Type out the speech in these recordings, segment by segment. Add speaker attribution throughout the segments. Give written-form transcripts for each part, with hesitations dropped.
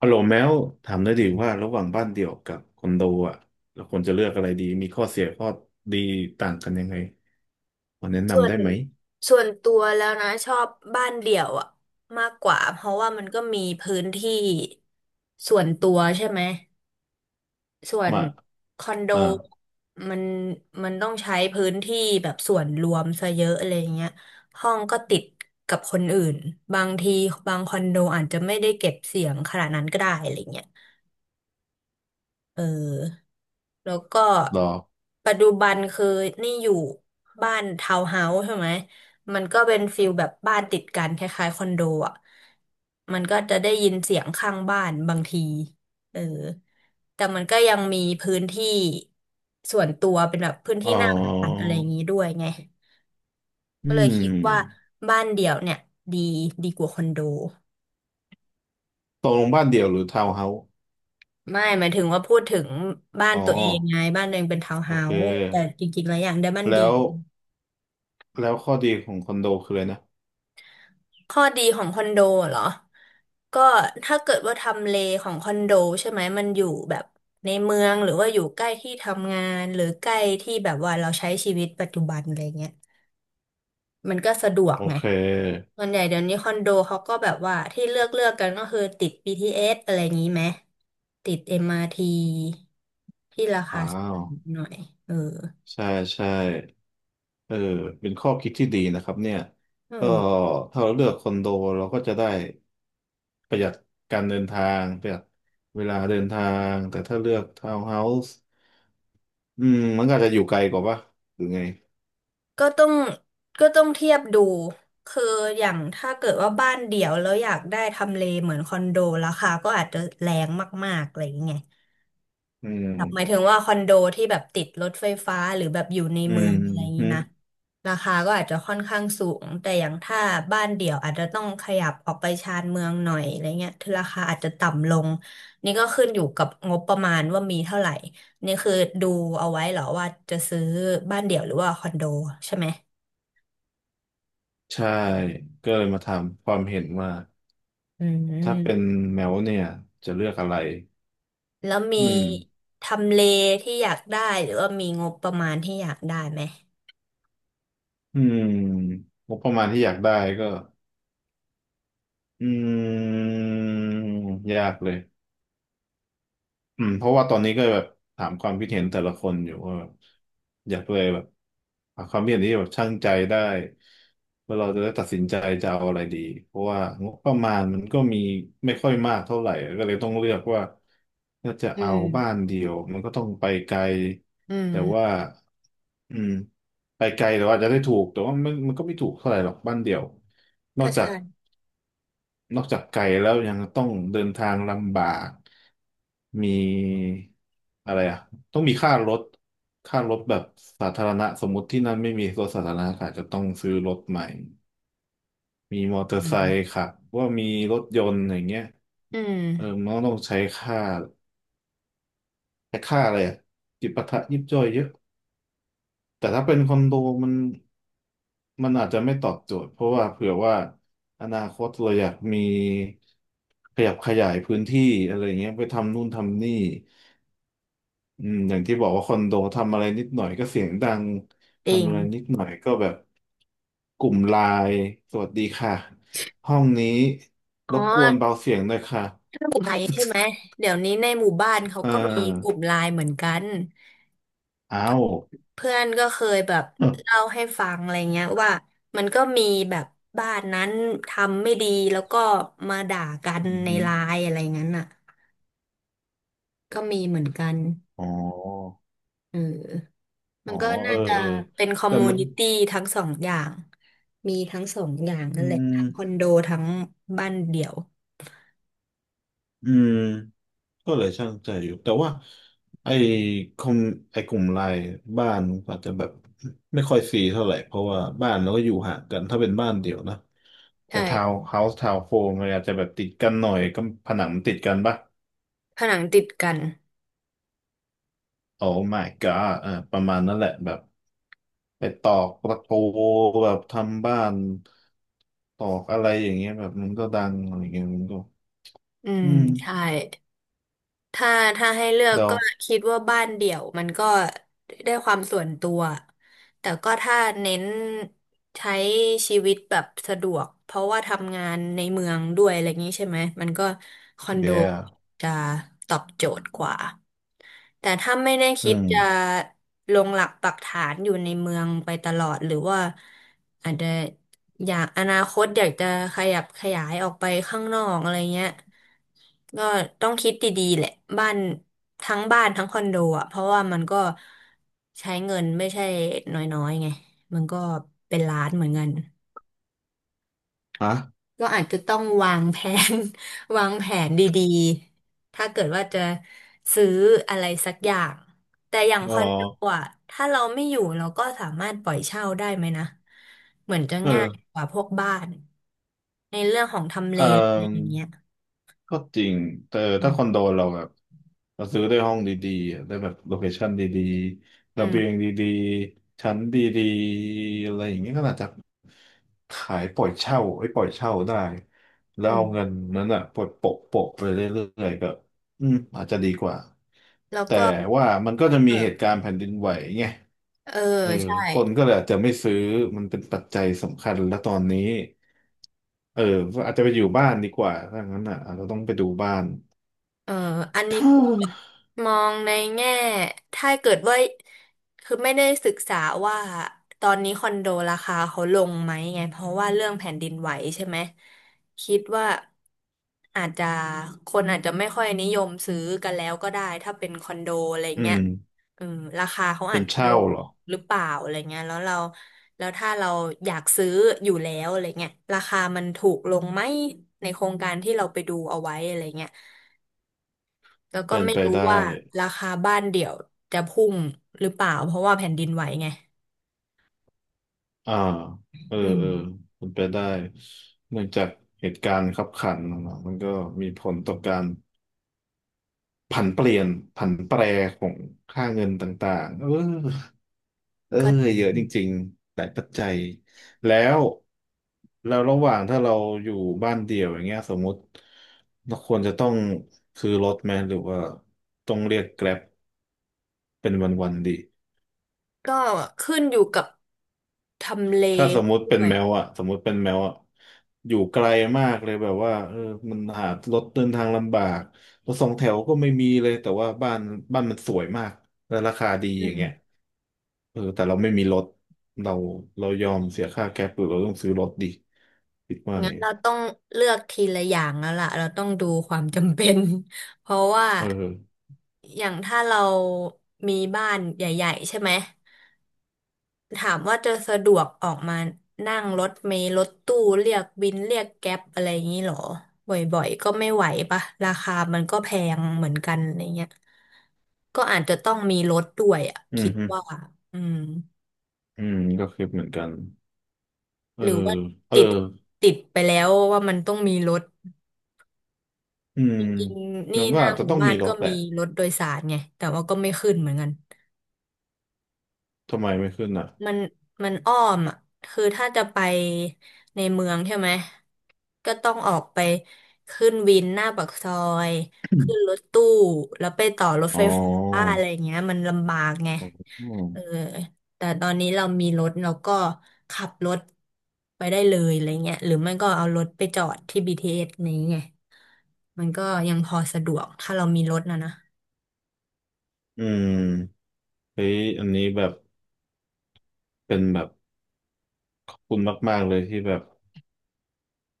Speaker 1: ฮัลโหลแมวถามได้ดีว่าระหว่างบ้านเดี่ยวกับคอนโดอ่ะเราควรจะเลือกอะไรดีมีข้อเสียข้อดีต่างกันยังไงมาแนะ
Speaker 2: ส่ว
Speaker 1: นำ
Speaker 2: น
Speaker 1: ได้ไหม
Speaker 2: ส่วนตัวแล้วนะชอบบ้านเดี่ยวอะมากกว่าเพราะว่ามันก็มีพื้นที่ส่วนตัวใช่ไหมส่วน
Speaker 1: มา
Speaker 2: คอนโด
Speaker 1: อ่า
Speaker 2: มันมันต้องใช้พื้นที่แบบส่วนรวมซะเยอะอะไรเงี้ยห้องก็ติดกับคนอื่นบางทีบางคอนโดอาจจะไม่ได้เก็บเสียงขนาดนั้นก็ได้อะไรเงี้ย เออแล้วก็
Speaker 1: รอ
Speaker 2: ปัจจุบันคือนี่อยู่บ้านทาวน์เฮาส์ใช่ไหมมันก็เป็นฟิลแบบบ้านติดกันคล้ายๆคอนโดอ่ะมันก็จะได้ยินเสียงข้างบ้านบางทีเออแต่มันก็ยังมีพื้นที่ส่วนตัวเป็นแบบพื้น
Speaker 1: อ๋อ
Speaker 2: ที่หน้าบ้านอะไรอย่างนี้ด้วยไง
Speaker 1: อื
Speaker 2: ก็เลย
Speaker 1: ม
Speaker 2: คิดว่าบ้านเดี่ยวเนี่ยดีดีกว่าคอนโด
Speaker 1: ตกลงบ้านเดี่ยวหรือทาวน์เฮาส์
Speaker 2: ไม่หมายถึงว่าพูดถึงบ้าน
Speaker 1: อ๋อ
Speaker 2: ตัวเองไงบ้านตัวเองเป็นทาวน์
Speaker 1: โอ
Speaker 2: เฮา
Speaker 1: เค
Speaker 2: ส์แต่จริงๆแล้วอย่างได้บ้านเดี
Speaker 1: แล้
Speaker 2: ย
Speaker 1: ว
Speaker 2: ว
Speaker 1: ข้อดีของคอนโดคืออะไรนะ
Speaker 2: ข้อดีของคอนโดเหรอก็ถ้าเกิดว่าทำเลของคอนโดใช่ไหมมันอยู่แบบในเมืองหรือว่าอยู่ใกล้ที่ทำงานหรือใกล้ที่แบบว่าเราใช้ชีวิตปัจจุบันอะไรเงี้ยมันก็สะดวก
Speaker 1: โอ
Speaker 2: ไง
Speaker 1: เค
Speaker 2: ส่วนใหญ่เดี๋ยวนี้คอนโดเขาก็แบบว่าที่เลือกกันก็คือติด BTS อสอะไรอย่างนี้ไหมติด MRT ทีที่ราคา
Speaker 1: ว้า
Speaker 2: ส
Speaker 1: ว
Speaker 2: ูงหน่อยเออ
Speaker 1: ใช่ใช่เออเป็นข้อคิดที่ดีนะครับเนี่ย
Speaker 2: เอ
Speaker 1: ก็
Speaker 2: อ
Speaker 1: ถ้าเราเลือกคอนโดเราก็จะได้ ประหยัดการเดินทางประหยัดเวลาเดินทางแต่ถ้าเลือกทาวน์เฮาส์อืมมันก็อาจจะอยู่ไกลกว่าปะหรือไง
Speaker 2: ก็ต้องก็ต้องเทียบดูคืออย่างถ้าเกิดว่าบ้านเดี่ยวแล้วอยากได้ทำเลเหมือนคอนโดราคาก็อาจจะแรงมากๆอะไรอย่างเงี้ย
Speaker 1: อื
Speaker 2: แบบหมาย
Speaker 1: ม
Speaker 2: ถึงว่าคอนโดที่แบบติดรถไฟฟ้าหรือแบบอยู่ใน
Speaker 1: อื
Speaker 2: เมื
Speaker 1: ม
Speaker 2: องอะไรอย่างนี้
Speaker 1: ฮึ
Speaker 2: นะราคาก็อาจจะค่อนข้างสูงแต่อย่างถ้าบ้านเดี่ยวอาจจะต้องขยับออกไปชานเมืองหน่อยอะไรเงี้ยถึงราคาอาจจะต่ำลงนี่ก็ขึ้นอยู่กับงบประมาณว่ามีเท่าไหร่นี่คือดูเอาไว้เหรอว่าจะซื้อบ้านเดี่ยวหรือว่าคอนโดใช่ไหม
Speaker 1: ใช่ก็เลยมาถามความเห็นว่า
Speaker 2: อื
Speaker 1: ถ้าเป็น
Speaker 2: ม
Speaker 1: แมวเนี่ยจะเลือกอะไร
Speaker 2: แล้วมี
Speaker 1: อืม
Speaker 2: ทำเลที่อยากได้หรือว่ามีงบประมาณที่อยากได้ไหม
Speaker 1: อืมงบประมาณที่อยากได้ก็อืมยากเลย อืมเพราะว่าตอนนี้ก็แบบถามความคิดเห็นแต่ละคนอยู่ว่าแบบอยากเลยแบบหาความคิดเห็นที่แบบชั่งใจได้ว่าเราจะได้ตัดสินใจจะเอาอะไรดีเพราะว่างบประมาณมันก็มีไม่ค่อยมากเท่าไหร่ก็เลยต้องเลือกว่าถ้าจะ
Speaker 2: อื
Speaker 1: เอา
Speaker 2: ม
Speaker 1: บ้านเดียวมันก็ต้องไปไกล
Speaker 2: อื
Speaker 1: แต่ว่า
Speaker 2: ม
Speaker 1: อืมไปไกลแต่ว่าจจะได้ถูกแต่ว่ามันก็ไม่ถูกเท่าไหร่หรอกบ้านเดียวนอ
Speaker 2: ก็
Speaker 1: กจา
Speaker 2: ใช่
Speaker 1: ก นอกจากไกลแล้วยังต้องเดินทางลำบาก มีอะไรอ่ะต้องมีค่ารถแบบสาธารณะ สมมติที่นั่นไม่มีรถสาธารณะก็อาจจะต้องซื้อรถใหม่ มีมอเตอ
Speaker 2: อื
Speaker 1: ร์ไซค์
Speaker 2: ม
Speaker 1: ขับว่ามีรถยนต์อย่างเงี้ย
Speaker 2: อืม
Speaker 1: เออมันก็ต้องใช้ค่าแต่ค่าอะไรอ่ะจิปาถะยิบย่อยเยอะ แต่ถ้าเป็นคอนโดมันมันอาจจะไม่ตอบโจทย์เพราะว่าเผื่อว่าอนาคตเราอยากมีขยับขยายพื้นที่อะไรเงี้ยไปทำนู่นทำนี่อืมอย่างที่บอกว่าคอนโดทำอะไรนิดหน่อยก็เสียงดัง
Speaker 2: จริ
Speaker 1: ทำ
Speaker 2: ง
Speaker 1: อะไรนิดหน่อยก็แบบกลุ่มไลน์สวัสดีค่ะห้องนี้
Speaker 2: อ๋
Speaker 1: ร
Speaker 2: อ
Speaker 1: บกวนเบาเสียงหน่อยค่ะ
Speaker 2: ถ้ากลุ่มไลน์ใช่ไหมเดี๋ยวนี้ในหมู่บ้าน เขา
Speaker 1: เอ
Speaker 2: ก็มีก
Speaker 1: อ
Speaker 2: ลุ่มไลน์เหมือนกัน
Speaker 1: อ้า ว
Speaker 2: เพื่อนก็เคยแบบ
Speaker 1: อ
Speaker 2: เล่าให้ฟังอะไรเงี้ยว่ามันก็มีแบบบ้านนั้นทำไม่ดีแล้วก็มาด่ากัน
Speaker 1: ือ
Speaker 2: ใน
Speaker 1: หือ
Speaker 2: ไลน์อะไรงั้นอ่ะก็มีเหมือนกัน
Speaker 1: อ๋อ
Speaker 2: เออ
Speaker 1: อ๋
Speaker 2: มั
Speaker 1: อ
Speaker 2: นก็
Speaker 1: เอ
Speaker 2: น่า
Speaker 1: อ
Speaker 2: จะ
Speaker 1: เออ
Speaker 2: เป็นคอม
Speaker 1: แต่
Speaker 2: มู
Speaker 1: มัน
Speaker 2: นิตี้ทั้งสองอย่างมีทั้งสองอย่าง
Speaker 1: อื
Speaker 2: นั่นแหละทั้งคอน
Speaker 1: ม
Speaker 2: โดทั้งบ้านเดี่ยว
Speaker 1: อืมก็เลยช่างใจอยู่แต่ว่าไอ้คอมไอ้กลุ่มไลน์บ้านอาจจะแบบไม่ค่อยซีเท่าไหร่เพราะว่าบ้านเราก็อยู่ห่างกันถ้าเป็นบ้านเดี่ยวนะแต่
Speaker 2: ใช่
Speaker 1: ทาวน์เฮาส์ทาวน์โฮมมันอาจจะแบบติดกันหน่อยก็ผนังมันติดกันปะ
Speaker 2: ผนังติดกัน
Speaker 1: โอ้ my god อ่าประมาณนั้นแหละแบบไปตอกตะปูแบบทำบ้านตอกอะไรอย่างเงี้ยแบบมันก็ดังอะไรเงี้ยมันก็
Speaker 2: อืม
Speaker 1: อืม
Speaker 2: ใช่ ถ้าถ้าให้เลือก
Speaker 1: เดา
Speaker 2: ก็คิดว่าบ้านเดี่ยวมันก็ได้ความส่วนตัวแต่ก็ถ้าเน้นใช้ชีวิตแบบสะดวกเพราะว่าทำงานในเมืองด้วยอะไรอย่างนี้ใช่ไหมมันก็คอนโด
Speaker 1: เดีย
Speaker 2: จะตอบโจทย์กว่าแต่ถ้าไม่ได้
Speaker 1: อื
Speaker 2: คิด
Speaker 1: ม
Speaker 2: จะลงหลักปักฐานอยู่ในเมืองไปตลอดหรือว่าอาจจะ อยากอนาคตอยากจะขยับขยายออกไปข้างนอกอะไรเงี้ย ก็ต้องคิดดีๆแหละบ้านทั้งบ้านทั้งคอนโดอ่ะเพราะว่ามันก็ใช้เงินไม่ใช่น้อยๆไงมันก็เป็นล้านเหมือนกัน
Speaker 1: อ่ะ
Speaker 2: ก็อาจจะต้องวางแผน วางแผนดีๆ ถ้าเกิดว่าจะซื้ออะไรสักอย่าง แต่อย่าง
Speaker 1: อ๋
Speaker 2: ค
Speaker 1: อ
Speaker 2: อนโดอ่ะถ้าเราไม่อยู่เราก็สามารถปล่อยเช่าได้ไหมนะ เหมือนจะ
Speaker 1: เอ
Speaker 2: ง่า
Speaker 1: อ
Speaker 2: ยกว่าพวกบ้าน ในเรื่องของทำเล
Speaker 1: อ่
Speaker 2: อะไรอย่าง
Speaker 1: า
Speaker 2: เงี้ย
Speaker 1: ก็จริงแต่
Speaker 2: อื
Speaker 1: ถ้าคอนโด
Speaker 2: ม
Speaker 1: เราแบบเราซื้อได้ห้องดีๆอะได้แบบโลเคชั่นดีๆ
Speaker 2: อื
Speaker 1: ระเบียง
Speaker 2: ม
Speaker 1: ดีๆชั้นดีๆอะไรอย่างเงี้ยก็น่าจะขายปล่อยเช่าไอ้ยปล่อยเช่าได้แล้ว
Speaker 2: อืม
Speaker 1: เอาเงินนั้นอ่ะปล่อยโปะไปเรื่อยๆก็ อืมอาจจะดีกว่า
Speaker 2: แล้ว
Speaker 1: แต่
Speaker 2: ก็
Speaker 1: ว่ามันก็จะ
Speaker 2: เอ
Speaker 1: มีเหตุ
Speaker 2: อ
Speaker 1: การณ์แผ่นดินไหวไง
Speaker 2: เออ
Speaker 1: เออ
Speaker 2: ใช่
Speaker 1: คนก็เลยอาจจะไม่ซื้อ มันเป็นปัจจัยสำคัญแล้วตอนนี้เออก็อาจจะไปอยู่บ้านดีกว่าถ้างั้นอ่ะเราจจะต้องไปดูบ้าน
Speaker 2: เอออันนี้ก็มองในแง่ถ้าเกิดว่าคือไม่ได้ศึกษาว่าตอนนี้คอนโดราคาเขาลงไหมไงเพราะว่าเรื่องแผ่นดินไหวใช่ไหมคิดว่าอาจจะคนอาจจะไม่ค่อยนิยมซื้อกันแล้วก็ได้ถ้าเป็นคอนโดอะไร
Speaker 1: อื
Speaker 2: เงี้ย
Speaker 1: ม
Speaker 2: เออราคาเขา
Speaker 1: เป็
Speaker 2: อา
Speaker 1: น
Speaker 2: จจะล
Speaker 1: เช่า
Speaker 2: ง
Speaker 1: เหรอ
Speaker 2: หรือเปล่าอะไรเงี้ยแล้วถ้าเราอยากซื้ออยู่แล้วอะไรเงี้ยราคามันถูกลงไหมในโครงการที่เราไปดูเอาไว้อะไรเงี้ย แล้วก็
Speaker 1: เป็น
Speaker 2: ไม่
Speaker 1: ไป
Speaker 2: รู้
Speaker 1: ได้
Speaker 2: ว่าราคาบ้านเดี่ยวจะพุ่งหรือเปล่าเพราะว่าแผ่นดินไหวไง
Speaker 1: อ่าเออ
Speaker 2: อืม
Speaker 1: เออเป็นไปได้เนื่องจากเหตุการณ์คับขันอะเนาะมันก็มีผลต่อการ ผันเปลี่ยนผันแปรของค่าเงินต่างๆเออเออ
Speaker 2: ก็
Speaker 1: เยอะจริงๆหลายปัจจัย แล้ว ระหว่างถ้าเราอยู่บ้านเดี่ยวอย่างเงี้ยสมมุติเราควรจะต้องซื้อรถไหมหรือว่าต้องเรียกแกร็บเป็นวันๆดี
Speaker 2: ก็ขึ้นอยู่กับทำเล
Speaker 1: ถ้าสมมุติ
Speaker 2: ด้
Speaker 1: เป็น
Speaker 2: วย
Speaker 1: แมวอะสมมุติเป็นแมวอะอยู่ไกลมากเลยแบบว่าเออมันหารถเดินทางลำบากรถสองแถวก็ไม่มีเลย แต่ว่าบ้านมันสวยมาก และราคาดี
Speaker 2: อื
Speaker 1: อย่า
Speaker 2: ม
Speaker 1: งเงี้ยเออแต่เราไม่มีรถ เรา เรายอมเสียค่าแก๊ปหรือเราต้องซื้อรถดีคิดว่า
Speaker 2: งั้
Speaker 1: ไง
Speaker 2: นเราต้องเลือกทีละอย่างแล้วล่ะเราต้องดูความจำเป็น เพราะว่า
Speaker 1: เออ
Speaker 2: อย่างถ้าเรามีบ้านใหญ่ๆใช่ไหม ถามว่าจะสะดวกออกมานั่งรถเมล์รถตู้เรียกวินเรียกแก๊ปอะไรอย่างนี้เหรอบ่อยๆก็ไม่ไหวปะราคามันก็แพงเหมือนกันอะไรเงี้ยก็อาจจะต้องมีรถด้วยอ่ะ
Speaker 1: อื
Speaker 2: คิ
Speaker 1: ม
Speaker 2: ด
Speaker 1: ฮึ
Speaker 2: ว่าอืม
Speaker 1: อืมก็คิดเหมือนกัน เอ
Speaker 2: ห
Speaker 1: อ
Speaker 2: รือว่า
Speaker 1: เออ
Speaker 2: ติดติดไปแล้วว่ามันต้องมีรถ
Speaker 1: อืม
Speaker 2: จริงๆนี่
Speaker 1: มัน
Speaker 2: ห
Speaker 1: ก็
Speaker 2: น้า
Speaker 1: อาจ
Speaker 2: ห
Speaker 1: จะ
Speaker 2: มู่
Speaker 1: ต้อง
Speaker 2: บ้า
Speaker 1: มี
Speaker 2: น
Speaker 1: ร
Speaker 2: ก็
Speaker 1: ถแห
Speaker 2: มี
Speaker 1: ละ
Speaker 2: รถโดยสารไงแต่ว่าก็ไม่ขึ้นเหมือนกัน
Speaker 1: ทำไมไม่ขึ้นอ่ะ
Speaker 2: มันมันอ้อมอ่ะคือถ้าจะไปในเมืองใช่ไหมก็ต้องออกไปขึ้นวินหน้าปากซอยขึ้นรถตู้แล้วไปต่อรถ
Speaker 1: อ๋
Speaker 2: ไฟ
Speaker 1: อ
Speaker 2: ฟ้าอะไรอย่างเงี้ยมันลำบากไงเออแต่ตอนนี้เรามีรถเราก็ขับรถไปได้เลยอะไรเงี้ยหรือไม่ก็เอารถไปจอดที่ BTS นี้ไงมันก็ยังพอสะดวกถ้าเรามีรถนะนะ
Speaker 1: อืม เฮ้ยอันนี้แบบเป็นแบบขอบคุณมากๆเลยที่แบบ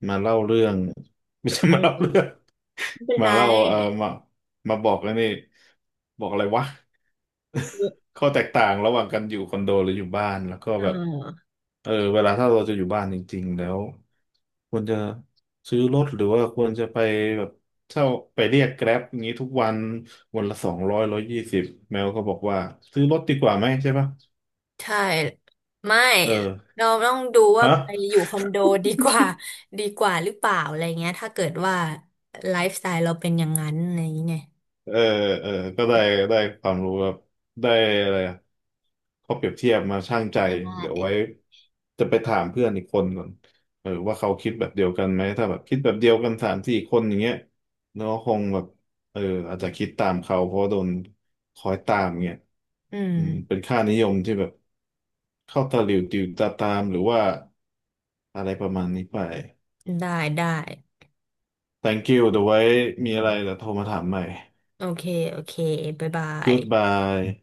Speaker 1: มาเล่าเรื่อง ไม่ใช่
Speaker 2: เ
Speaker 1: มาเล่าเรื่อ
Speaker 2: ออ
Speaker 1: ง
Speaker 2: ไม่เป็น ไร
Speaker 1: มาเล่าเออมามาบอกแล้วนี่บอกอะไรวะข้อแตกต่างระหว่างกันอยู่คอนโดหรืออยู่บ้านแล้วก็
Speaker 2: เอ
Speaker 1: แบบ
Speaker 2: อ
Speaker 1: เออเวลาถ้าเราจะอยู่บ้านจริงๆแล้วควรจะซื้อรถหรือว่าควรจะไปแบบเช่าไปเรียกแกร็บอย่างนี้ทุกวันวันละ200120แมวก็บอกว่าซื้อรถดีกว่าไหมใช่ปะ
Speaker 2: ใช่ไม่
Speaker 1: เออ
Speaker 2: เราต้องดูว่า
Speaker 1: ฮะ
Speaker 2: ไปอยู่คอนโดดีกว่า ดีกว่าหรือเปล่าอะไรเงี้ยถ้าเกิดว่าไลฟ์สไตล์เราเป็นอย่างนั้นอะไรอย่างเงี้ย
Speaker 1: เออเออก็ได้ได้ความรู้แบบได้อะไรอะข้อเปรียบเทียบมาชั่งใจ
Speaker 2: ได
Speaker 1: เดี๋ยวไว้
Speaker 2: ้
Speaker 1: จะไปถามเพื่อนอีกคนก่อนเออว่าเขาคิดแบบเดียวกันไหมถ้าแบบคิดแบบเดียวกัน3-4คนอย่างเงี้ยเนาะคงแบบเอออาจจะคิดตามเขาเพราะโดนคอยตามเงี้ย
Speaker 2: อืม
Speaker 1: อืมเป็นค่านิยมที่แบบเข้าตาหลิวติวตาตามหรือว่าอะไรประมาณนี้ไป
Speaker 2: ได้ได้
Speaker 1: Thank you เดี๋ยวไว้มีอะไรเดี๋ยวโทรมาถามใหม่
Speaker 2: โอเคโอเคบ๊ายบาย
Speaker 1: Goodbye